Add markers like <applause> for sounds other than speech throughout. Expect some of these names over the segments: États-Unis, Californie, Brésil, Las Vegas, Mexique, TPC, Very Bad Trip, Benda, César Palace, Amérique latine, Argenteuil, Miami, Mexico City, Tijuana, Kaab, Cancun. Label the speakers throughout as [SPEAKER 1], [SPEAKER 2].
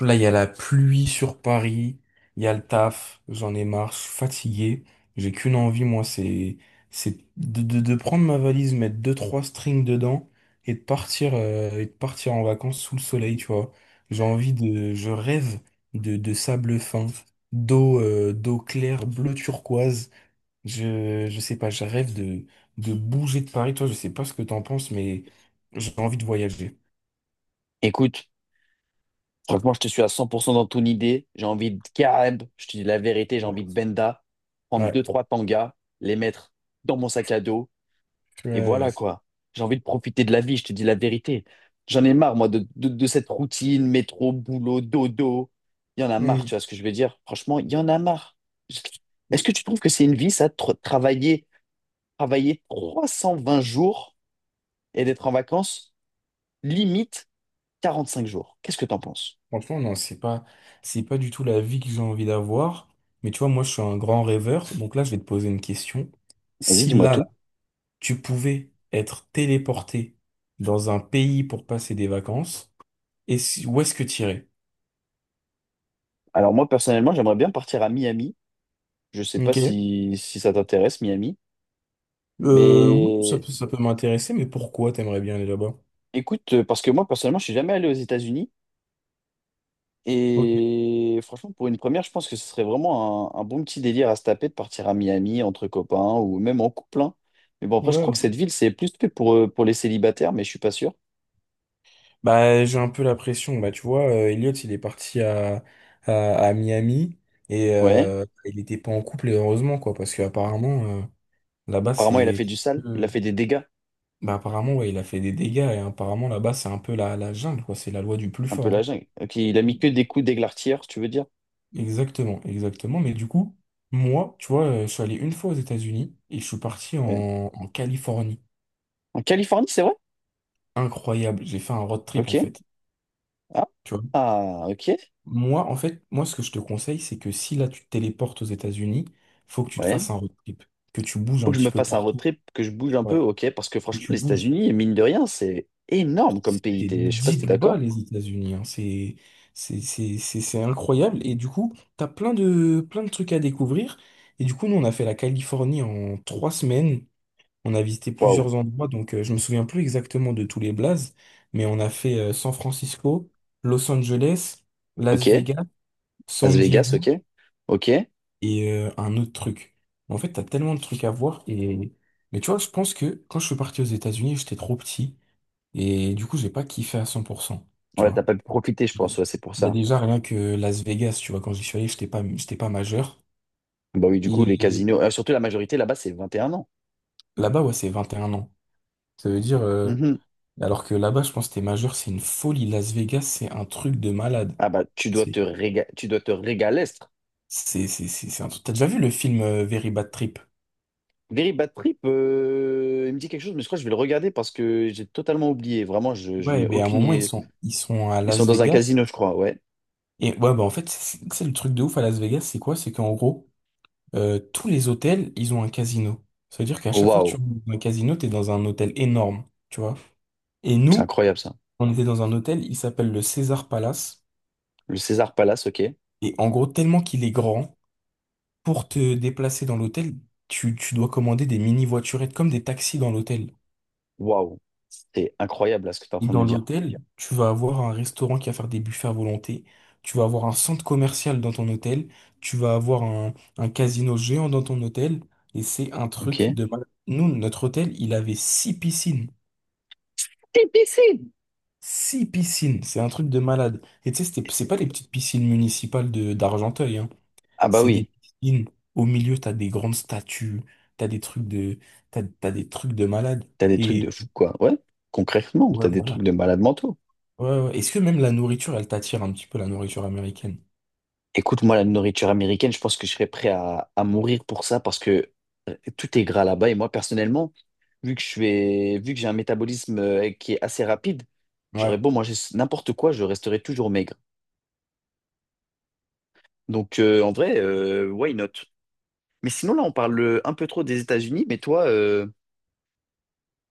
[SPEAKER 1] Là, il y a la pluie sur Paris, il y a le taf, j'en ai marre, je suis fatigué. J'ai qu'une envie, moi, c'est de prendre ma valise, mettre deux, trois strings dedans et de partir en vacances sous le soleil, tu vois. J'ai envie de, je rêve de sable fin, d'eau d'eau claire, bleu turquoise. Je sais pas, je rêve de bouger de Paris. Toi, je sais pas ce que t'en penses, mais j'ai envie de voyager.
[SPEAKER 2] Écoute, franchement, je te suis à 100% dans ton idée. J'ai envie de Kaab, je te dis la vérité, j'ai envie de
[SPEAKER 1] Ouais.
[SPEAKER 2] Benda, prendre deux,
[SPEAKER 1] Ouais.
[SPEAKER 2] trois tangas, les mettre dans mon sac à dos,
[SPEAKER 1] Tu
[SPEAKER 2] et voilà
[SPEAKER 1] vois.
[SPEAKER 2] quoi. J'ai envie de profiter de la vie, je te dis la vérité. J'en ai marre, moi, de cette routine, métro, boulot, dodo. Il y en a marre,
[SPEAKER 1] euh,
[SPEAKER 2] tu vois ce que je veux dire? Franchement, il y en a marre. Est-ce
[SPEAKER 1] hmm.
[SPEAKER 2] que tu trouves que c'est une vie, ça, de travailler, travailler 320 jours et d'être en vacances, limite 45 jours? Qu'est-ce que t'en penses?
[SPEAKER 1] Franchement, non, c'est pas du tout la vie que j'ai envie d'avoir. Mais tu vois, moi, je suis un grand rêveur. Donc là, je vais te poser une question.
[SPEAKER 2] Vas-y,
[SPEAKER 1] Si
[SPEAKER 2] dis-moi tout.
[SPEAKER 1] ouais, tu pouvais être téléporté dans un pays pour passer des vacances, où est-ce que tu irais?
[SPEAKER 2] Alors moi personnellement, j'aimerais bien partir à Miami. Je sais pas
[SPEAKER 1] Ok.
[SPEAKER 2] si, si ça t'intéresse, Miami.
[SPEAKER 1] Oui,
[SPEAKER 2] Mais
[SPEAKER 1] ça peut m'intéresser, mais pourquoi t'aimerais bien aller là-bas?
[SPEAKER 2] écoute, parce que moi personnellement, je suis jamais allé aux États-Unis.
[SPEAKER 1] Ok.
[SPEAKER 2] Et franchement, pour une première, je pense que ce serait vraiment un bon petit délire à se taper de partir à Miami entre copains ou même en couple, hein. Mais bon, après, je
[SPEAKER 1] Ouais,
[SPEAKER 2] crois
[SPEAKER 1] ouais.
[SPEAKER 2] que cette ville, c'est plus fait pour les célibataires, mais je suis pas sûr.
[SPEAKER 1] Bah, j'ai un peu la pression. Bah, tu vois, Elliot, il est parti à, à Miami et
[SPEAKER 2] Ouais.
[SPEAKER 1] il était pas en couple, heureusement, quoi, parce que apparemment. Là-bas,
[SPEAKER 2] Apparemment, il a
[SPEAKER 1] c'est...
[SPEAKER 2] fait du sale, il a
[SPEAKER 1] Euh,
[SPEAKER 2] fait des dégâts.
[SPEAKER 1] bah, apparemment, ouais, il a fait des dégâts et apparemment, là-bas, c'est un peu la jungle, quoi. C'est la loi du plus
[SPEAKER 2] Un peu
[SPEAKER 1] fort,
[SPEAKER 2] la
[SPEAKER 1] hein.
[SPEAKER 2] jungle. Ok, il a mis que des coups d'églartière, tu veux dire?
[SPEAKER 1] Exactement, exactement. Mais du coup, moi, tu vois, je suis allé une fois aux États-Unis et je suis parti
[SPEAKER 2] Ouais.
[SPEAKER 1] en Californie.
[SPEAKER 2] En Californie, c'est vrai?
[SPEAKER 1] Incroyable. J'ai fait un road trip,
[SPEAKER 2] Ok.
[SPEAKER 1] en fait.
[SPEAKER 2] Ah,
[SPEAKER 1] Tu vois.
[SPEAKER 2] ah, ok.
[SPEAKER 1] Moi, en fait, moi, ce que je te conseille, c'est que si là, tu te téléportes aux États-Unis, faut que tu te
[SPEAKER 2] Ouais.
[SPEAKER 1] fasses un road trip. Que tu bouges
[SPEAKER 2] Faut
[SPEAKER 1] un
[SPEAKER 2] que je
[SPEAKER 1] petit
[SPEAKER 2] me
[SPEAKER 1] peu
[SPEAKER 2] fasse un road
[SPEAKER 1] partout.
[SPEAKER 2] trip, que je bouge un peu,
[SPEAKER 1] Ouais.
[SPEAKER 2] ok, parce que
[SPEAKER 1] Que
[SPEAKER 2] franchement,
[SPEAKER 1] tu
[SPEAKER 2] les
[SPEAKER 1] bouges.
[SPEAKER 2] États-Unis, mine de rien, c'est énorme comme pays.
[SPEAKER 1] Et
[SPEAKER 2] Je sais pas si t'es
[SPEAKER 1] dites bas
[SPEAKER 2] d'accord.
[SPEAKER 1] les États-Unis, hein. C'est incroyable. Et du coup, t'as plein de trucs à découvrir. Et du coup, nous, on a fait la Californie en 3 semaines. On a visité
[SPEAKER 2] Waouh,
[SPEAKER 1] plusieurs endroits, donc je me souviens plus exactement de tous les blazes, mais on a fait San Francisco, Los Angeles, Las
[SPEAKER 2] ok.
[SPEAKER 1] Vegas,
[SPEAKER 2] Las
[SPEAKER 1] San
[SPEAKER 2] Vegas,
[SPEAKER 1] Diego
[SPEAKER 2] ok. Ok.
[SPEAKER 1] et un autre truc. En fait, t'as tellement de trucs à voir. Et... Mais tu vois, je pense que quand je suis parti aux États-Unis, j'étais trop petit. Et du coup, j'ai pas kiffé à 100%. Tu
[SPEAKER 2] Ouais, t'as
[SPEAKER 1] vois.
[SPEAKER 2] pas pu profiter, je pense,
[SPEAKER 1] Bon.
[SPEAKER 2] ouais, c'est pour
[SPEAKER 1] Bah
[SPEAKER 2] ça.
[SPEAKER 1] déjà, rien que Las Vegas, tu vois, quand j'y suis allé, j'étais pas majeur.
[SPEAKER 2] Bah oui, du coup, les
[SPEAKER 1] Et
[SPEAKER 2] casinos, surtout la majorité là-bas, c'est 21 ans.
[SPEAKER 1] là-bas, ouais, c'est 21 ans. Ça veut dire,
[SPEAKER 2] Mhm.
[SPEAKER 1] alors que là-bas, je pense que t'es majeur, c'est une folie. Las Vegas, c'est un truc de malade.
[SPEAKER 2] Ah bah,
[SPEAKER 1] C'est,
[SPEAKER 2] tu dois te régaler.
[SPEAKER 1] c'est un truc. T'as déjà vu le film Very Bad Trip?
[SPEAKER 2] Very Bad Trip, il me dit quelque chose, mais je crois que je vais le regarder parce que j'ai totalement oublié. Vraiment, je
[SPEAKER 1] Ouais,
[SPEAKER 2] n'ai
[SPEAKER 1] ben à un
[SPEAKER 2] aucune
[SPEAKER 1] moment,
[SPEAKER 2] idée.
[SPEAKER 1] ils sont à
[SPEAKER 2] Ils sont
[SPEAKER 1] Las
[SPEAKER 2] dans un
[SPEAKER 1] Vegas.
[SPEAKER 2] casino, je crois, ouais.
[SPEAKER 1] Et ouais, bah en fait, c'est le truc de ouf à Las Vegas, c'est quoi? C'est qu'en gros, tous les hôtels, ils ont un casino. Ça veut dire qu'à chaque fois que
[SPEAKER 2] Waouh,
[SPEAKER 1] tu rentres dans un casino, t'es dans un hôtel énorme, tu vois. Et
[SPEAKER 2] c'est
[SPEAKER 1] nous,
[SPEAKER 2] incroyable ça.
[SPEAKER 1] on était dans un hôtel, il s'appelle le César Palace.
[SPEAKER 2] Le César Palace, ok.
[SPEAKER 1] Et en gros, tellement qu'il est grand, pour te déplacer dans l'hôtel, tu dois commander des mini-voiturettes comme des taxis dans l'hôtel.
[SPEAKER 2] Waouh, c'est incroyable là ce que tu es en
[SPEAKER 1] Et
[SPEAKER 2] train de me
[SPEAKER 1] dans
[SPEAKER 2] dire.
[SPEAKER 1] l'hôtel, tu vas avoir un restaurant qui va faire des buffets à volonté. Tu vas avoir un centre commercial dans ton hôtel. Tu vas avoir un casino géant dans ton hôtel. Et c'est un truc
[SPEAKER 2] Ok.
[SPEAKER 1] de malade. Nous, notre hôtel, il avait 6 piscines.
[SPEAKER 2] TPC.
[SPEAKER 1] 6 piscines. C'est un truc de malade. Et tu sais, c'est pas les petites piscines municipales de d'Argenteuil, hein.
[SPEAKER 2] Ah bah
[SPEAKER 1] C'est des
[SPEAKER 2] oui,
[SPEAKER 1] piscines. Au milieu, t'as des grandes statues. T'as des trucs de, t'as des trucs de malade.
[SPEAKER 2] t'as des trucs
[SPEAKER 1] Et
[SPEAKER 2] de fou, quoi. Ouais, concrètement, t'as
[SPEAKER 1] ouais,
[SPEAKER 2] des
[SPEAKER 1] voilà.
[SPEAKER 2] trucs de malade mentaux.
[SPEAKER 1] Ouais, ouais, ouais. Est-ce que même la nourriture, elle t'attire un petit peu, la nourriture américaine?
[SPEAKER 2] Écoute, moi, la nourriture américaine, je pense que je serais prêt à mourir pour ça parce que tout est gras là-bas. Et moi, personnellement, vu que j'ai un métabolisme qui est assez rapide, j'aurais
[SPEAKER 1] Ouais.
[SPEAKER 2] beau manger n'importe quoi, je resterais toujours maigre. Donc, en vrai, why not? Mais sinon, là, on parle un peu trop des États-Unis. Mais toi,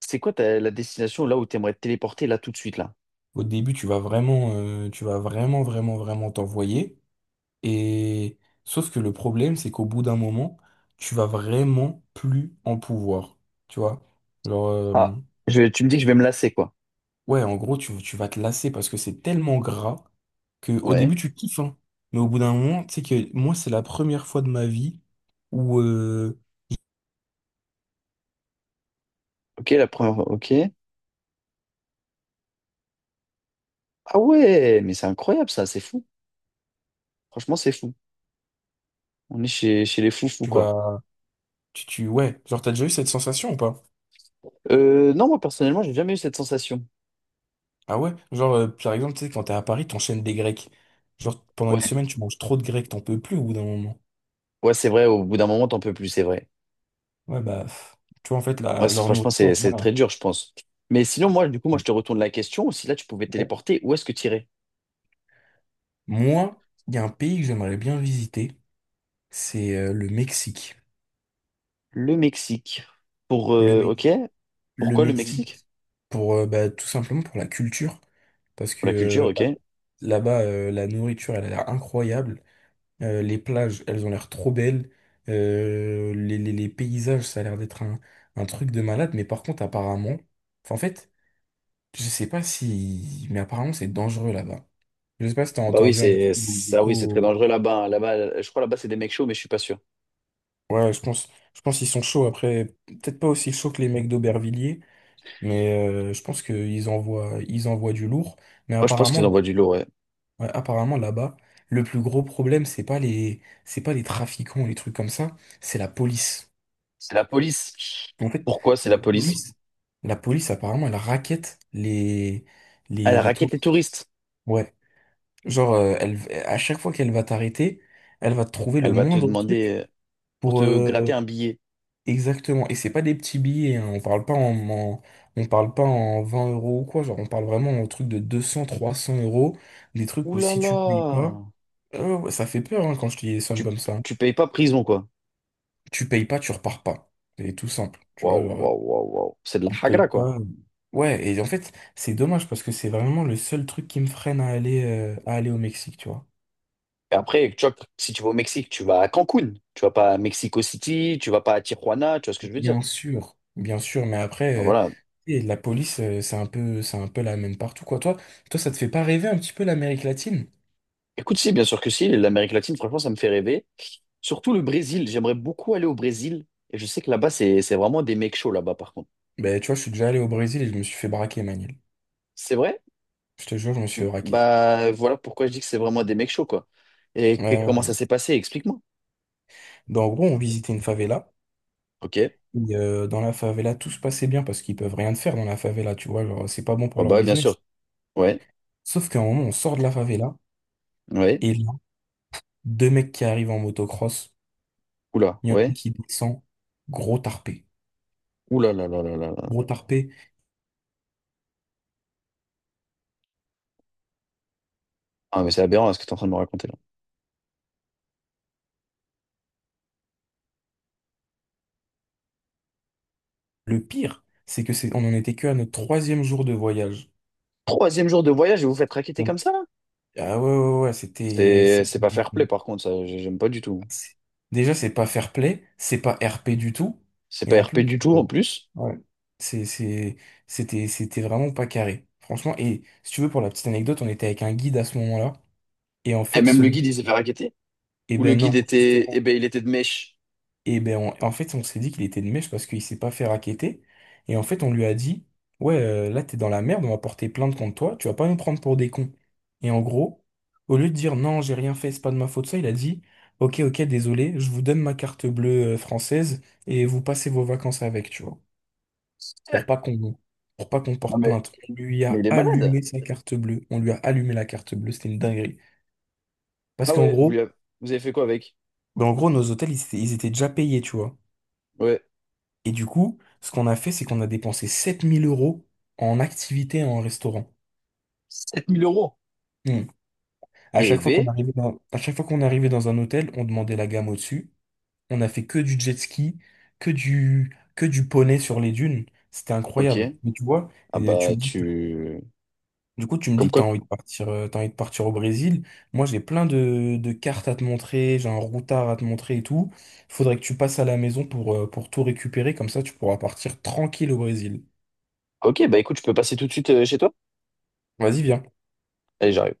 [SPEAKER 2] c'est quoi la destination là où tu aimerais te téléporter là tout de suite là?
[SPEAKER 1] Au début, tu vas vraiment, vraiment, vraiment t'envoyer. Et sauf que le problème, c'est qu'au bout d'un moment, tu vas vraiment plus en pouvoir. Tu vois? Genre, euh.
[SPEAKER 2] Ah, tu me dis que je vais me lasser, quoi.
[SPEAKER 1] Ouais, en gros, tu vas te lasser parce que c'est tellement gras que au
[SPEAKER 2] Ouais.
[SPEAKER 1] début, tu kiffes, hein. Mais au bout d'un moment, tu sais que moi, c'est la première fois de ma vie où
[SPEAKER 2] Ok, la première. Ok. Ah ouais, mais c'est incroyable ça, c'est fou. Franchement, c'est fou. On est chez les fous-fous,
[SPEAKER 1] tu
[SPEAKER 2] quoi.
[SPEAKER 1] vas... ouais, genre, t'as déjà eu cette sensation ou pas?
[SPEAKER 2] Non, moi, personnellement, j'ai jamais eu cette sensation.
[SPEAKER 1] Ah ouais? Genre, par exemple, tu sais, quand t'es à Paris, t'enchaînes des grecs. Genre, pendant une
[SPEAKER 2] Ouais,
[SPEAKER 1] semaine, tu manges trop de grecs, t'en peux plus au bout d'un moment.
[SPEAKER 2] ouais, c'est vrai, au bout d'un moment, t'en peux plus, c'est vrai.
[SPEAKER 1] Ouais, bah, pff. Tu vois, en fait,
[SPEAKER 2] Moi,
[SPEAKER 1] leur
[SPEAKER 2] franchement,
[SPEAKER 1] nourriture,
[SPEAKER 2] c'est
[SPEAKER 1] voilà.
[SPEAKER 2] très dur, je pense. Mais sinon, moi, du coup, moi, je te retourne la question. Si là, tu pouvais te téléporter, où est-ce que tu irais?
[SPEAKER 1] Moi, il y a un pays que j'aimerais bien visiter, c'est le Mexique.
[SPEAKER 2] Le Mexique. Pour,
[SPEAKER 1] Le, Me-
[SPEAKER 2] ok.
[SPEAKER 1] le
[SPEAKER 2] Pourquoi le Mexique?
[SPEAKER 1] Mexique pour bah, tout simplement pour la culture parce
[SPEAKER 2] Pour
[SPEAKER 1] que
[SPEAKER 2] la culture, ok.
[SPEAKER 1] là-bas la nourriture elle a l'air incroyable. Les plages elles ont l'air trop belles. Les paysages ça a l'air d'être un truc de malade mais par contre apparemment, enfin, en fait, je sais pas si mais apparemment c'est dangereux là-bas. Je sais pas si t'as
[SPEAKER 2] Bah oui,
[SPEAKER 1] entendu un petit
[SPEAKER 2] c'est
[SPEAKER 1] peu des
[SPEAKER 2] ça, oui, c'est très
[SPEAKER 1] échos.
[SPEAKER 2] dangereux là-bas, hein. Là-bas, je crois là-bas, c'est des mecs chauds, mais je suis pas sûr.
[SPEAKER 1] Ouais je pense, je pense qu'ils sont chauds après peut-être pas aussi chauds que les mecs d'Aubervilliers mais je pense qu'ils envoient, ils envoient du lourd mais
[SPEAKER 2] Moi, je pense qu'ils
[SPEAKER 1] apparemment.
[SPEAKER 2] envoient du lourd, ouais.
[SPEAKER 1] Ouais, apparemment là-bas, le plus gros problème, c'est pas les trafiquants ou les trucs comme ça, c'est la police.
[SPEAKER 2] C'est la police.
[SPEAKER 1] En fait,
[SPEAKER 2] Pourquoi c'est la
[SPEAKER 1] la
[SPEAKER 2] police?
[SPEAKER 1] police, la police apparemment, elle raquette
[SPEAKER 2] Elle
[SPEAKER 1] les
[SPEAKER 2] raquette les
[SPEAKER 1] touristes.
[SPEAKER 2] touristes.
[SPEAKER 1] Ouais. Genre, à chaque fois qu'elle va t'arrêter, elle va te trouver le
[SPEAKER 2] Elle va te
[SPEAKER 1] moindre truc
[SPEAKER 2] demander pour
[SPEAKER 1] pour,
[SPEAKER 2] te gratter un billet.
[SPEAKER 1] exactement. Et c'est pas des petits billets, hein. On parle pas en 20 euros ou quoi. Genre, on parle vraiment en truc de 200 300 euros. Des trucs
[SPEAKER 2] Ouh
[SPEAKER 1] où
[SPEAKER 2] là
[SPEAKER 1] si tu payes pas,
[SPEAKER 2] là!
[SPEAKER 1] ouais, ça fait peur, hein, quand je te dis des sommes
[SPEAKER 2] Tu,
[SPEAKER 1] comme ça.
[SPEAKER 2] tu payes pas prison, quoi.
[SPEAKER 1] Tu payes pas, tu repars pas. C'est tout simple. Tu vois,
[SPEAKER 2] Waouh,
[SPEAKER 1] genre,
[SPEAKER 2] waouh, waouh, waouh. C'est de la
[SPEAKER 1] tu payes
[SPEAKER 2] hagra, quoi.
[SPEAKER 1] pas. Ouais, et en fait, c'est dommage parce que c'est vraiment le seul truc qui me freine à aller au Mexique, tu vois.
[SPEAKER 2] Et après, tu vois, si tu vas au Mexique, tu vas à Cancun. Tu vas pas à Mexico City, tu vas pas à Tijuana, tu vois ce que je veux dire?
[SPEAKER 1] Bien sûr, mais
[SPEAKER 2] Ah,
[SPEAKER 1] après,
[SPEAKER 2] voilà.
[SPEAKER 1] et la police, c'est un peu la même partout, quoi. Toi, ça te fait pas rêver un petit peu l'Amérique latine?
[SPEAKER 2] Écoute, si, bien sûr que si. L'Amérique latine, franchement, ça me fait rêver. Surtout le Brésil. J'aimerais beaucoup aller au Brésil. Et je sais que là-bas, c'est vraiment des mecs chauds, là-bas, par contre.
[SPEAKER 1] Ben, tu vois, je suis déjà allé au Brésil et je me suis fait braquer, Manil.
[SPEAKER 2] C'est vrai?
[SPEAKER 1] Je te jure, je me suis fait braquer.
[SPEAKER 2] Bah voilà pourquoi je dis que c'est vraiment des mecs chauds, quoi. Comment
[SPEAKER 1] Euh,
[SPEAKER 2] ça s'est passé? Explique-moi.
[SPEAKER 1] donc, en gros, on visitait une favela.
[SPEAKER 2] Ok.
[SPEAKER 1] Et, dans la favela, tout se passait bien parce qu'ils peuvent rien te faire dans la favela, tu vois. Genre, c'est pas bon pour
[SPEAKER 2] Oh
[SPEAKER 1] leur
[SPEAKER 2] bah bien
[SPEAKER 1] business.
[SPEAKER 2] sûr. Ouais.
[SPEAKER 1] Sauf qu'à un moment, on sort de la favela,
[SPEAKER 2] Ouais.
[SPEAKER 1] et là, deux mecs qui arrivent en motocross,
[SPEAKER 2] Oula.
[SPEAKER 1] il y en a un
[SPEAKER 2] Ouais.
[SPEAKER 1] qui descend, gros tarpé.
[SPEAKER 2] Oula là là là là là.
[SPEAKER 1] Gros tarpé.
[SPEAKER 2] Ah mais c'est aberrant ce que tu es en train de me raconter là.
[SPEAKER 1] Le pire, c'est que on en était que à notre troisième jour de voyage.
[SPEAKER 2] Troisième jour de voyage et vous faites raqueter comme
[SPEAKER 1] Donc,
[SPEAKER 2] ça là?
[SPEAKER 1] ah ouais, ouais, ouais,
[SPEAKER 2] C'est pas fair play par contre, ça j'aime pas du tout.
[SPEAKER 1] c'est- déjà, c'est pas fair play, c'est pas RP du tout,
[SPEAKER 2] C'est
[SPEAKER 1] et
[SPEAKER 2] pas
[SPEAKER 1] en
[SPEAKER 2] RP
[SPEAKER 1] plus,
[SPEAKER 2] du tout
[SPEAKER 1] euh,
[SPEAKER 2] en plus.
[SPEAKER 1] ouais, c'est, c'est- c'était vraiment pas carré. Franchement, et si tu veux, pour la petite anecdote, on était avec un guide à ce moment-là, et en
[SPEAKER 2] Et
[SPEAKER 1] fait,
[SPEAKER 2] même
[SPEAKER 1] ce
[SPEAKER 2] le
[SPEAKER 1] guide,
[SPEAKER 2] guide il s'est fait raqueter.
[SPEAKER 1] eh
[SPEAKER 2] Ou le
[SPEAKER 1] ben
[SPEAKER 2] guide
[SPEAKER 1] non,
[SPEAKER 2] était. Eh
[SPEAKER 1] justement.
[SPEAKER 2] ben il était de mèche.
[SPEAKER 1] Et ben en fait, on s'est dit qu'il était de mèche parce qu'il s'est pas fait racketter. Et en fait, on lui a dit, ouais, là, t'es dans la merde, on va porter plainte contre toi, tu vas pas nous prendre pour des cons. Et en gros, au lieu de dire non, j'ai rien fait, c'est pas de ma faute, ça, il a dit, ok, ok, désolé, je vous donne ma carte bleue française et vous passez vos vacances avec, tu vois, pour pas
[SPEAKER 2] <laughs>
[SPEAKER 1] qu'on pour pas qu'on
[SPEAKER 2] Non
[SPEAKER 1] porte
[SPEAKER 2] mais,
[SPEAKER 1] plainte. On lui
[SPEAKER 2] mais
[SPEAKER 1] a
[SPEAKER 2] il est malade.
[SPEAKER 1] allumé sa carte bleue, on lui a allumé la carte bleue, c'était une dinguerie. Parce
[SPEAKER 2] Ah
[SPEAKER 1] qu'en
[SPEAKER 2] ouais,
[SPEAKER 1] gros,
[SPEAKER 2] vous avez fait quoi avec?
[SPEAKER 1] ben en gros, nos hôtels, ils étaient déjà payés, tu vois.
[SPEAKER 2] Ouais.
[SPEAKER 1] Et du coup, ce qu'on a fait, c'est qu'on a dépensé 7 000 euros en activité et en restaurant.
[SPEAKER 2] Sept mille euros.
[SPEAKER 1] Hmm.
[SPEAKER 2] Eh B,
[SPEAKER 1] À chaque fois qu'on arrivait dans un hôtel, on demandait la gamme au-dessus. On a fait que du jet ski, que du poney sur les dunes. C'était
[SPEAKER 2] ok.
[SPEAKER 1] incroyable. Mais tu vois,
[SPEAKER 2] Ah
[SPEAKER 1] et tu
[SPEAKER 2] bah
[SPEAKER 1] me dis que-
[SPEAKER 2] tu...
[SPEAKER 1] du coup, tu me dis
[SPEAKER 2] Comme
[SPEAKER 1] que t'as
[SPEAKER 2] quoi...
[SPEAKER 1] envie de partir, t'as envie de partir au Brésil. Moi, j'ai plein de cartes à te montrer, j'ai un routard à te montrer et tout. Faudrait que tu passes à la maison pour tout récupérer. Comme ça, tu pourras partir tranquille au Brésil.
[SPEAKER 2] Ok, bah écoute, je peux passer tout de suite chez toi?
[SPEAKER 1] Vas-y, viens.
[SPEAKER 2] Allez, j'arrive.